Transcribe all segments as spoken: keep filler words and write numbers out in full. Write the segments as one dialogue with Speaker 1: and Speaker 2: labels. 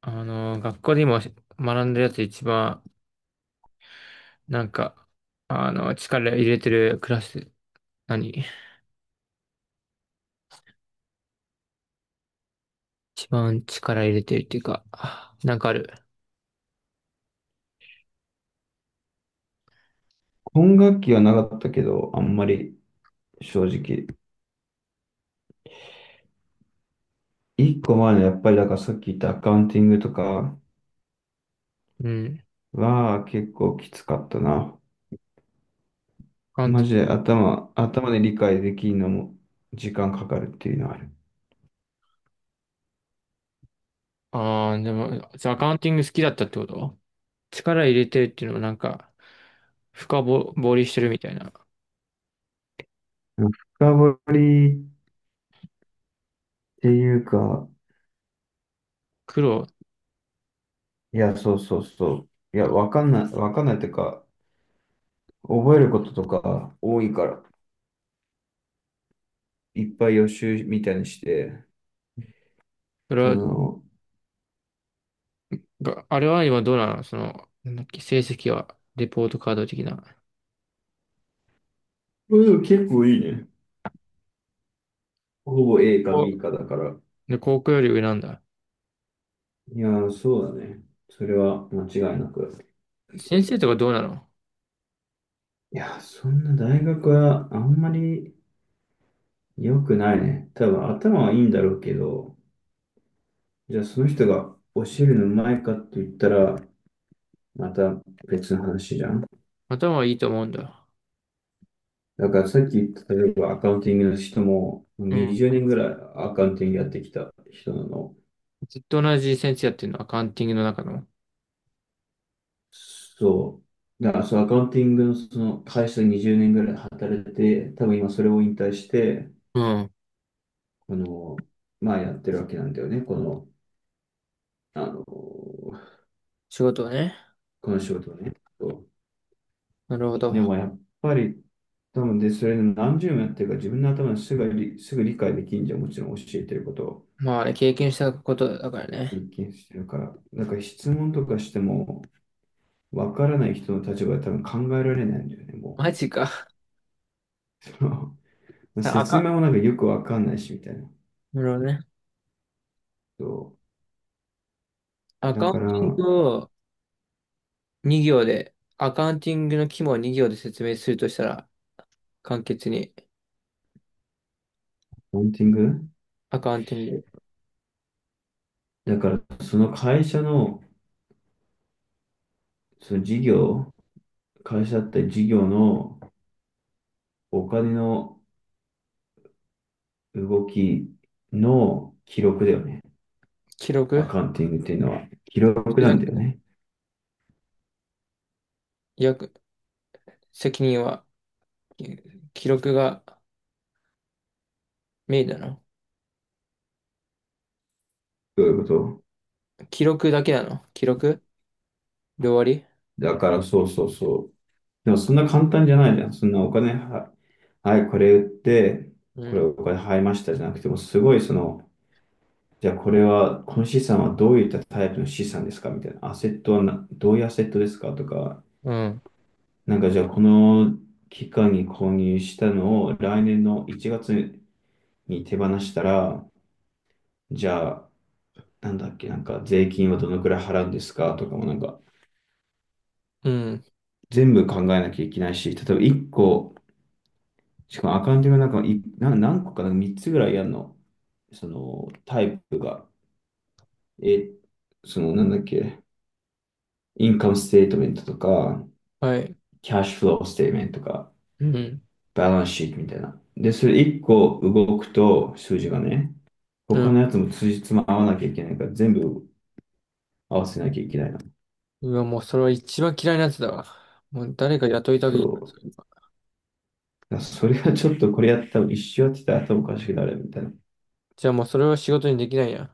Speaker 1: あの、学校で今学んでるやつ一番、なんか、あの、力入れてるクラス、何一番力入れてるっていうか、なんかある？
Speaker 2: 本楽器はなかったけど、あんまり正直。一個前のやっぱりだからさっき言ったアカウンティングとか
Speaker 1: うん。
Speaker 2: は結構きつかったな。
Speaker 1: アカウン
Speaker 2: マ
Speaker 1: ト。
Speaker 2: ジで頭、頭で理解できるのも時間かかるっていうのはある。
Speaker 1: ああ、でも、じゃあアカウンティング好きだったってこと？力入れてるっていうのもなんか、深ぼ掘りしてるみたいな。
Speaker 2: 深掘りっていうか、
Speaker 1: 苦労、
Speaker 2: いや、そうそうそう。いや、わかんない、わかんないっていうか、覚えることとか多いから、いっぱい予習みたいにして、
Speaker 1: それ
Speaker 2: そ
Speaker 1: は、
Speaker 2: の、
Speaker 1: があれは今どうなの、その、なんだっけ、成績は。レポートカード的な。
Speaker 2: うん結構いいね。ほぼ A か
Speaker 1: お、
Speaker 2: ビー かだから。
Speaker 1: で、高校より上なんだ。
Speaker 2: いやー、そうだね。それは間違いなく。
Speaker 1: 先生とかどうなの？
Speaker 2: いやー、そんな大学はあんまり良くないね。多分頭はいいんだろうけど、じゃあその人が教えるのうまいかって言ったら、また別の話じゃん。
Speaker 1: 頭はいいと思うんだ。
Speaker 2: だからさっき言った例えばアカウンティングの人も
Speaker 1: うん。
Speaker 2: にじゅうねんぐらいアカウンティングやってきた人なの。
Speaker 1: ずっと同じ先生やってるの、アカウンティングの中の？
Speaker 2: そう。だからそう、アカウンティングのその会社でにじゅうねんぐらい働いて、多分今それを引退して、
Speaker 1: うん。
Speaker 2: この、まあやってるわけなんだよね、この、あの、こ
Speaker 1: 仕事をね。
Speaker 2: の仕事をね。
Speaker 1: なるほど。
Speaker 2: でもやっぱり、多分で、それで何十年やってるか自分の頭ですぐ理、すぐ理解できんじゃん、もちろん教えてることを
Speaker 1: まあね、経験したことだからね。
Speaker 2: 一見してるから。だから質問とかしても、わからない人の立場で多分考えられないんだよね、も
Speaker 1: マジか。
Speaker 2: う。
Speaker 1: さあ、
Speaker 2: 説明
Speaker 1: か、
Speaker 2: もなんかよくわかんないし、みたいな。
Speaker 1: なるほどね。
Speaker 2: そう。
Speaker 1: ア
Speaker 2: だ
Speaker 1: カウン
Speaker 2: から、
Speaker 1: ティングをに行で、アカウンティングの規模をに行で説明するとしたら、簡潔に。
Speaker 2: ポンティング
Speaker 1: アカウンティング、
Speaker 2: だから、その会社の、その事業、会社って事業のお金の動きの記録だよね。
Speaker 1: 記
Speaker 2: ア
Speaker 1: 録。
Speaker 2: カウンティングっていうのは。記録なんだよね。
Speaker 1: 約、責任は、記録がメインなの？
Speaker 2: どういうこと
Speaker 1: 記録だけなの、記録で終わり？
Speaker 2: だからそうそうそう。でもそんな簡単じゃないじゃん。そんなお金は、はい、これ売って、
Speaker 1: う
Speaker 2: これ
Speaker 1: ん。
Speaker 2: お金入りましたじゃなくても、すごいその、じゃあこれは、この資産はどういったタイプの資産ですかみたいな。アセットはな、どういうアセットですかとか、
Speaker 1: うん。
Speaker 2: なんかじゃあこの期間に購入したのを来年のいちがつに手放したら、じゃあなんだっけ、なんか税金はどのくらい払うんですかとかもなんか
Speaker 1: うん。
Speaker 2: 全部考えなきゃいけないし、例えばいっこ、しかもアカウントがなんかいな何個かなみっつぐらいやるの、そのタイプが、え、そのなんだっけ、インカムステートメントとか、
Speaker 1: はい。
Speaker 2: キャッシュフローステートメントとか、
Speaker 1: うん。
Speaker 2: バランスシートみたいな。で、それいっこ動くと数字がね、
Speaker 1: う
Speaker 2: 他
Speaker 1: ん。
Speaker 2: のやつもつじつま合わなきゃいけないから、全部合わせなきゃいけないの。
Speaker 1: うわ、もうそれは一番嫌いなやつだわ。もう誰か雇いた
Speaker 2: そ
Speaker 1: く。
Speaker 2: う。あそれはちょっとこれやったら一周やってたら頭おかしくなるみたいな。
Speaker 1: じゃあもうそれは仕事にできないや。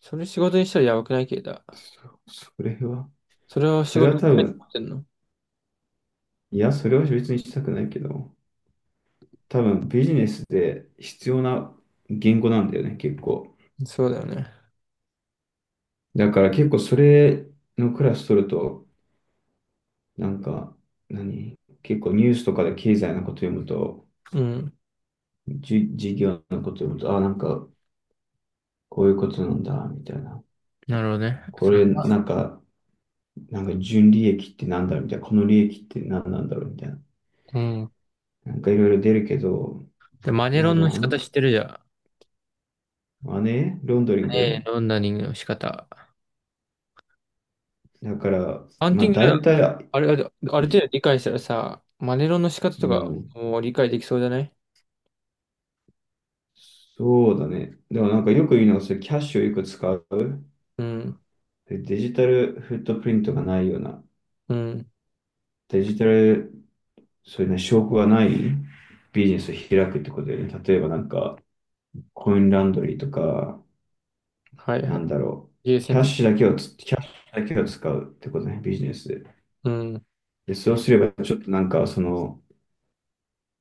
Speaker 1: それ仕事にしたらやばくないけど。
Speaker 2: そ、それは、
Speaker 1: それを仕
Speaker 2: そ
Speaker 1: 事
Speaker 2: れ
Speaker 1: に
Speaker 2: は多
Speaker 1: したいと思
Speaker 2: 分、
Speaker 1: ってんの？
Speaker 2: いや、それは別にしたくないけど、多分ビジネスで必要な言語なんだよね、結構。
Speaker 1: そうだよね。
Speaker 2: だから結構それのクラス取ると、なんか、何結構ニュースとかで経済のこと読むと、
Speaker 1: うん。
Speaker 2: じ、事業のこと読むと、あ、なんか、こういうことなんだ、みたいな。
Speaker 1: なるほどね。
Speaker 2: こ
Speaker 1: そ
Speaker 2: れ、なんか、なんか純利益ってなんだ、みたいな。この利益って何なんだろう、みたいな。
Speaker 1: う。ん。
Speaker 2: なんかいろいろ出るけど、
Speaker 1: で、マ
Speaker 2: い
Speaker 1: ネ
Speaker 2: や、
Speaker 1: ロ
Speaker 2: で
Speaker 1: ンの
Speaker 2: もあ
Speaker 1: 仕
Speaker 2: の、
Speaker 1: 方知ってるじゃ
Speaker 2: あれロンドリン
Speaker 1: ん。ええ、
Speaker 2: グ
Speaker 1: ロンダリングの仕方。
Speaker 2: だから、
Speaker 1: ハン
Speaker 2: ま
Speaker 1: テ
Speaker 2: あ
Speaker 1: ィング、
Speaker 2: 大体、
Speaker 1: あれ、あれ、ある
Speaker 2: い
Speaker 1: 程度理解したらさ、マネロンの仕方
Speaker 2: う
Speaker 1: とか
Speaker 2: ん、
Speaker 1: もう理解できそうじゃない？
Speaker 2: そうだね。でもなんかよく言うのが、それキャッシュをよく使う。
Speaker 1: うん。
Speaker 2: でデジタルフットプリントがないような、
Speaker 1: うん。
Speaker 2: デジタル、そういうね、証拠がないビジネスを開くってことで、ね、例えばなんか、コインランドリーとか、
Speaker 1: はいは
Speaker 2: な
Speaker 1: い。
Speaker 2: んだろ
Speaker 1: ゲ
Speaker 2: う、
Speaker 1: ー
Speaker 2: キ
Speaker 1: セン
Speaker 2: ャッ
Speaker 1: ト。
Speaker 2: シュだけをつ、キャッシュだけを使うってことね、ビジネスで。
Speaker 1: うん。
Speaker 2: で、そうすれば、ちょっとなんか、その、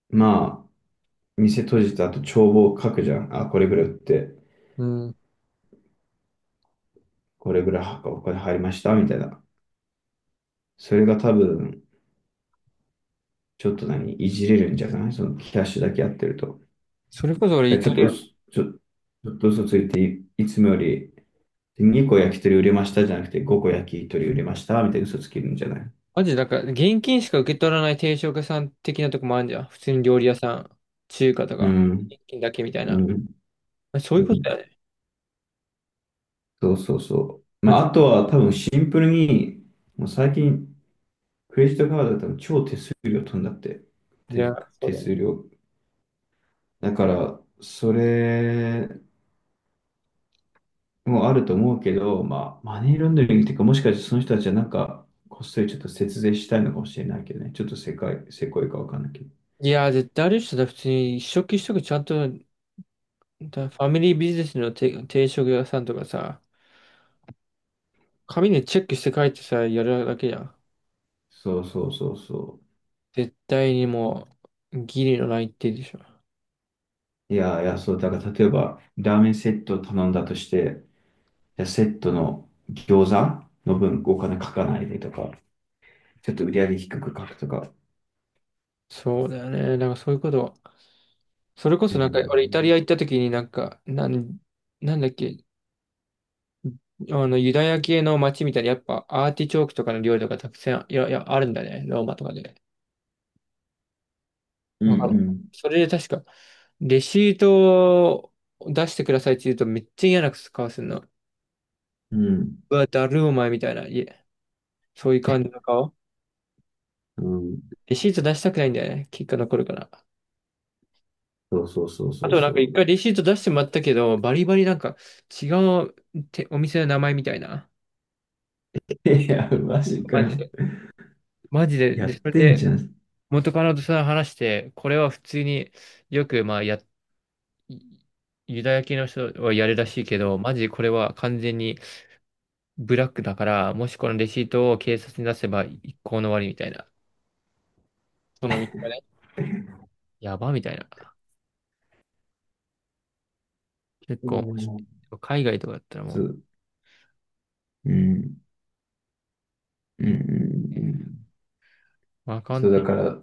Speaker 2: まあ、店閉じた後帳簿を書くじゃん。あ、これぐらい売って、
Speaker 1: うん。
Speaker 2: これぐらいはお金入りました、みたいな。それが多分、ちょっと何、いじれるんじゃないそのキャッシュだけやってると。
Speaker 1: それこそ俺イ
Speaker 2: ちょ
Speaker 1: タ
Speaker 2: っと
Speaker 1: リ
Speaker 2: 嘘、
Speaker 1: ア。
Speaker 2: ちょ、ちょっと嘘ついてい、いつもよりにこ焼き鳥売れましたじゃなくてごこ焼き鳥売れました、みたいな嘘つけるんじゃない
Speaker 1: マジで、だから、現金しか受け取らない定食屋さん的なとこもあるじゃん。普通に料理屋さん、中華と
Speaker 2: う
Speaker 1: か、
Speaker 2: ん、
Speaker 1: 現金だけみたい
Speaker 2: う
Speaker 1: な。ま
Speaker 2: ん、
Speaker 1: あそうい
Speaker 2: う
Speaker 1: うことだ
Speaker 2: ん。
Speaker 1: よね。
Speaker 2: そうそうそう。
Speaker 1: マ
Speaker 2: ま
Speaker 1: ジ。
Speaker 2: あ、あとは多分シンプルに、もう最近、クレジットカードだったら超手数料飛んだって。
Speaker 1: い
Speaker 2: 手、
Speaker 1: や、そう
Speaker 2: 手
Speaker 1: だな。
Speaker 2: 数料だから、それもあると思うけど、まあ、マネーロンダリングっていうか、もしかしてその人たちはなんか、こっそりちょっと節税したいのかもしれないけどね。ちょっとせかい、せこいかわかんないけど。
Speaker 1: いや、絶対ある人だ。普通に一食一食ちゃんと、だファミリービジネスの定定食屋さんとかさ、紙でチェックして書いてさ、やるだけじゃん。
Speaker 2: そうそうそうそ
Speaker 1: 絶対にもう、ギリのないってでしょ。
Speaker 2: う。いや、いや、そう、だから例えば、ラーメンセットを頼んだとして、じゃセットの餃子の分お金書かないでとか、ちょっと売り上げ低く書くとか。
Speaker 1: そうだよね。なんかそういうこと。それこ
Speaker 2: う
Speaker 1: そなんか、俺イタリ
Speaker 2: ん、
Speaker 1: ア行った時になんか、なん、なんだっけ、あの、ユダヤ系の街みたいに、やっぱアーティチョークとかの料理とかたくさん、いや、いや、あるんだね、ローマとかで。
Speaker 2: う
Speaker 1: わかる。
Speaker 2: ん、
Speaker 1: それで確か、レシートを出してくださいって言うとめっちゃ嫌な顔するの。
Speaker 2: うん、
Speaker 1: うわ、だるお前みたいな、いえ、そういう感じの顔。
Speaker 2: うん。
Speaker 1: レシート出したくないんだよね。結果残るから。
Speaker 2: そうそうそう
Speaker 1: あ
Speaker 2: そう
Speaker 1: となんか
Speaker 2: そ
Speaker 1: 一回レシート出してもらったけど、バリバリなんか違うてお店の名前みたいな。
Speaker 2: う。いや、マジか
Speaker 1: マ
Speaker 2: よ。
Speaker 1: ジで。マジで。
Speaker 2: や
Speaker 1: で、
Speaker 2: っ
Speaker 1: それ
Speaker 2: てんじ
Speaker 1: で
Speaker 2: ゃん。
Speaker 1: 元カノとさ、話して、これは普通によくまあやいユダヤ系の人はやるらしいけど、マジこれは完全にブラックだから、もしこのレシートを警察に出せば一行の終わりみたいな。その道がね、
Speaker 2: う
Speaker 1: やばみたいな。結構面白
Speaker 2: ん
Speaker 1: い、海外とかだったらも
Speaker 2: そ
Speaker 1: う。
Speaker 2: う、うん、うん、う
Speaker 1: うん。
Speaker 2: ん、うん
Speaker 1: まあ、カウン
Speaker 2: そう、だ
Speaker 1: テ
Speaker 2: から、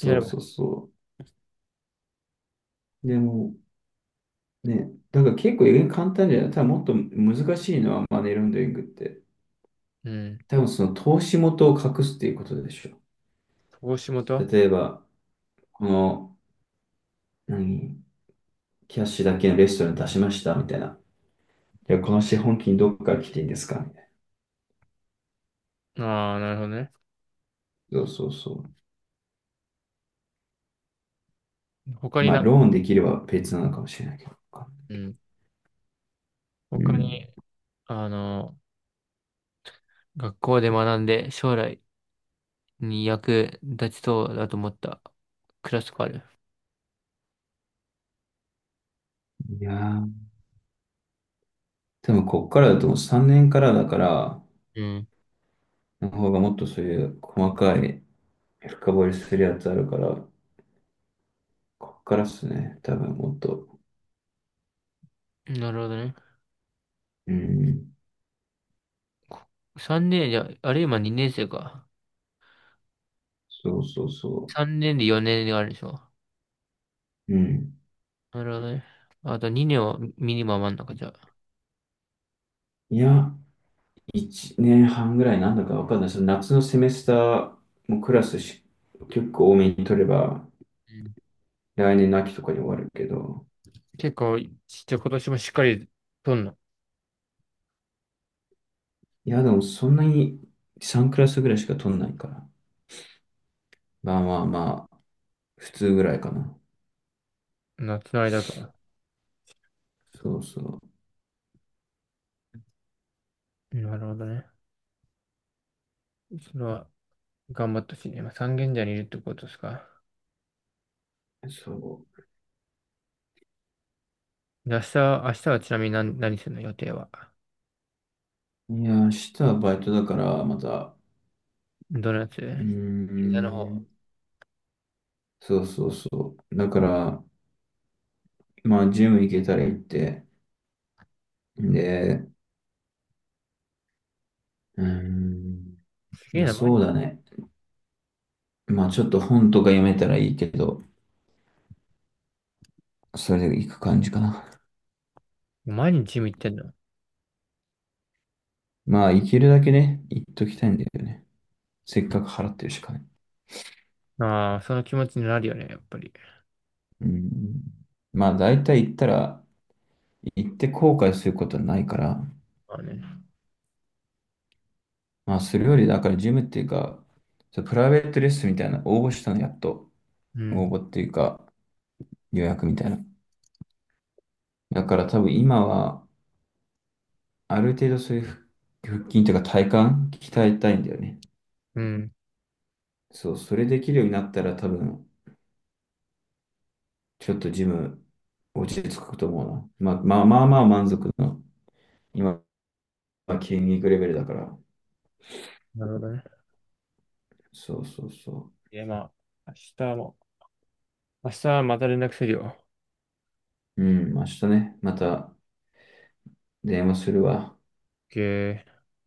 Speaker 1: やれ
Speaker 2: う
Speaker 1: ば。
Speaker 2: そうそう。でも、ね、だから結構簡単じゃない。ただもっと難しいのはマネーロンダリングって。
Speaker 1: うん。
Speaker 2: 多分その投資元を隠すっていうことでしょ。
Speaker 1: 投資元。あ
Speaker 2: 例えば、この、何、キャッシュだけのレストラン出しましたみたいな。いや、この資本金どっから来ていいんですかみたい
Speaker 1: あー、なるほどね。
Speaker 2: な。そうそうそ
Speaker 1: 他
Speaker 2: う。
Speaker 1: に
Speaker 2: まあ、
Speaker 1: なんか。
Speaker 2: ローンできれば別なのかもしれないけど。
Speaker 1: うん。
Speaker 2: う
Speaker 1: 他に、
Speaker 2: ん。
Speaker 1: あの、学校で学んで将来に役立ちそうだと思ったクラスとかある？
Speaker 2: いやー、多分こっからだともうさんねんからだから、
Speaker 1: うん。
Speaker 2: の方がもっとそういう細かい深掘りするやつあるから、こっからっすね。多分もっと。
Speaker 1: なるほどね。
Speaker 2: うん。
Speaker 1: さんねんじゃ、あれ今にねん生か。
Speaker 2: そうそうそ
Speaker 1: さんねんでよねんがあるでしょ。
Speaker 2: う。うん。
Speaker 1: なるほどね。あとにねんはミニマムあんのか、じゃあ。
Speaker 2: いや、いちねんはんぐらいなんだかわかんない。その夏のセメスターもクラスし、結構多めに取れば、
Speaker 1: うん。
Speaker 2: 来年の秋とかに終わるけど。
Speaker 1: 結構、ちっちゃい今年もしっかりとんの？
Speaker 2: いや、でもそんなにさんクラスぐらいしか取んないから。まあまあまあ、普通ぐらいかな。
Speaker 1: 夏の間から。
Speaker 2: そうそ
Speaker 1: なるほどね。それは、頑張ってほしいね。今、三軒茶屋にいるってことですか？
Speaker 2: う。そ
Speaker 1: で明日、明日はちなみに何、何するの、予定は？
Speaker 2: う。いや、明日はバイトだから、また。
Speaker 1: どのやつ？
Speaker 2: うー
Speaker 1: 銀座の方？
Speaker 2: ん。そうそうそう。だから、まあ、ジム行けたら行って、で、うーん。
Speaker 1: すげえ
Speaker 2: まあ、
Speaker 1: な、毎
Speaker 2: そう
Speaker 1: 日。
Speaker 2: だね。まあ、ちょっと本とか読めたらいいけど、それで行く感じかな。
Speaker 1: 毎日ジム行ってんの？
Speaker 2: まあ、行けるだけね、行っときたいんだよね。せっかく払ってるしかね。
Speaker 1: ああ、その気持ちになるよね、やっぱり。
Speaker 2: うん。まあ、大体行ったら、行って後悔することはないから、
Speaker 1: まあね。
Speaker 2: まあ、それより、だから、ジムっていうか、そうプライベートレッスンみたいな、応募したの、やっと。
Speaker 1: う
Speaker 2: 応
Speaker 1: ん。
Speaker 2: 募っていうか、予約みたいな。だから多分今は、ある程度そういう腹腹筋というか体幹鍛えたいんだよね。
Speaker 1: うん。
Speaker 2: そう、それできるようになったら多分、ちょっとジム落ち着くと思うな。まあ、まあまあまあ満足の、今は筋肉レベルだから。
Speaker 1: なるほどね。
Speaker 2: そうそうそ
Speaker 1: え、まあ、明日も、明日はまた連絡するよ。
Speaker 2: う。うん、明日ね、また電話するわ。
Speaker 1: オーケー。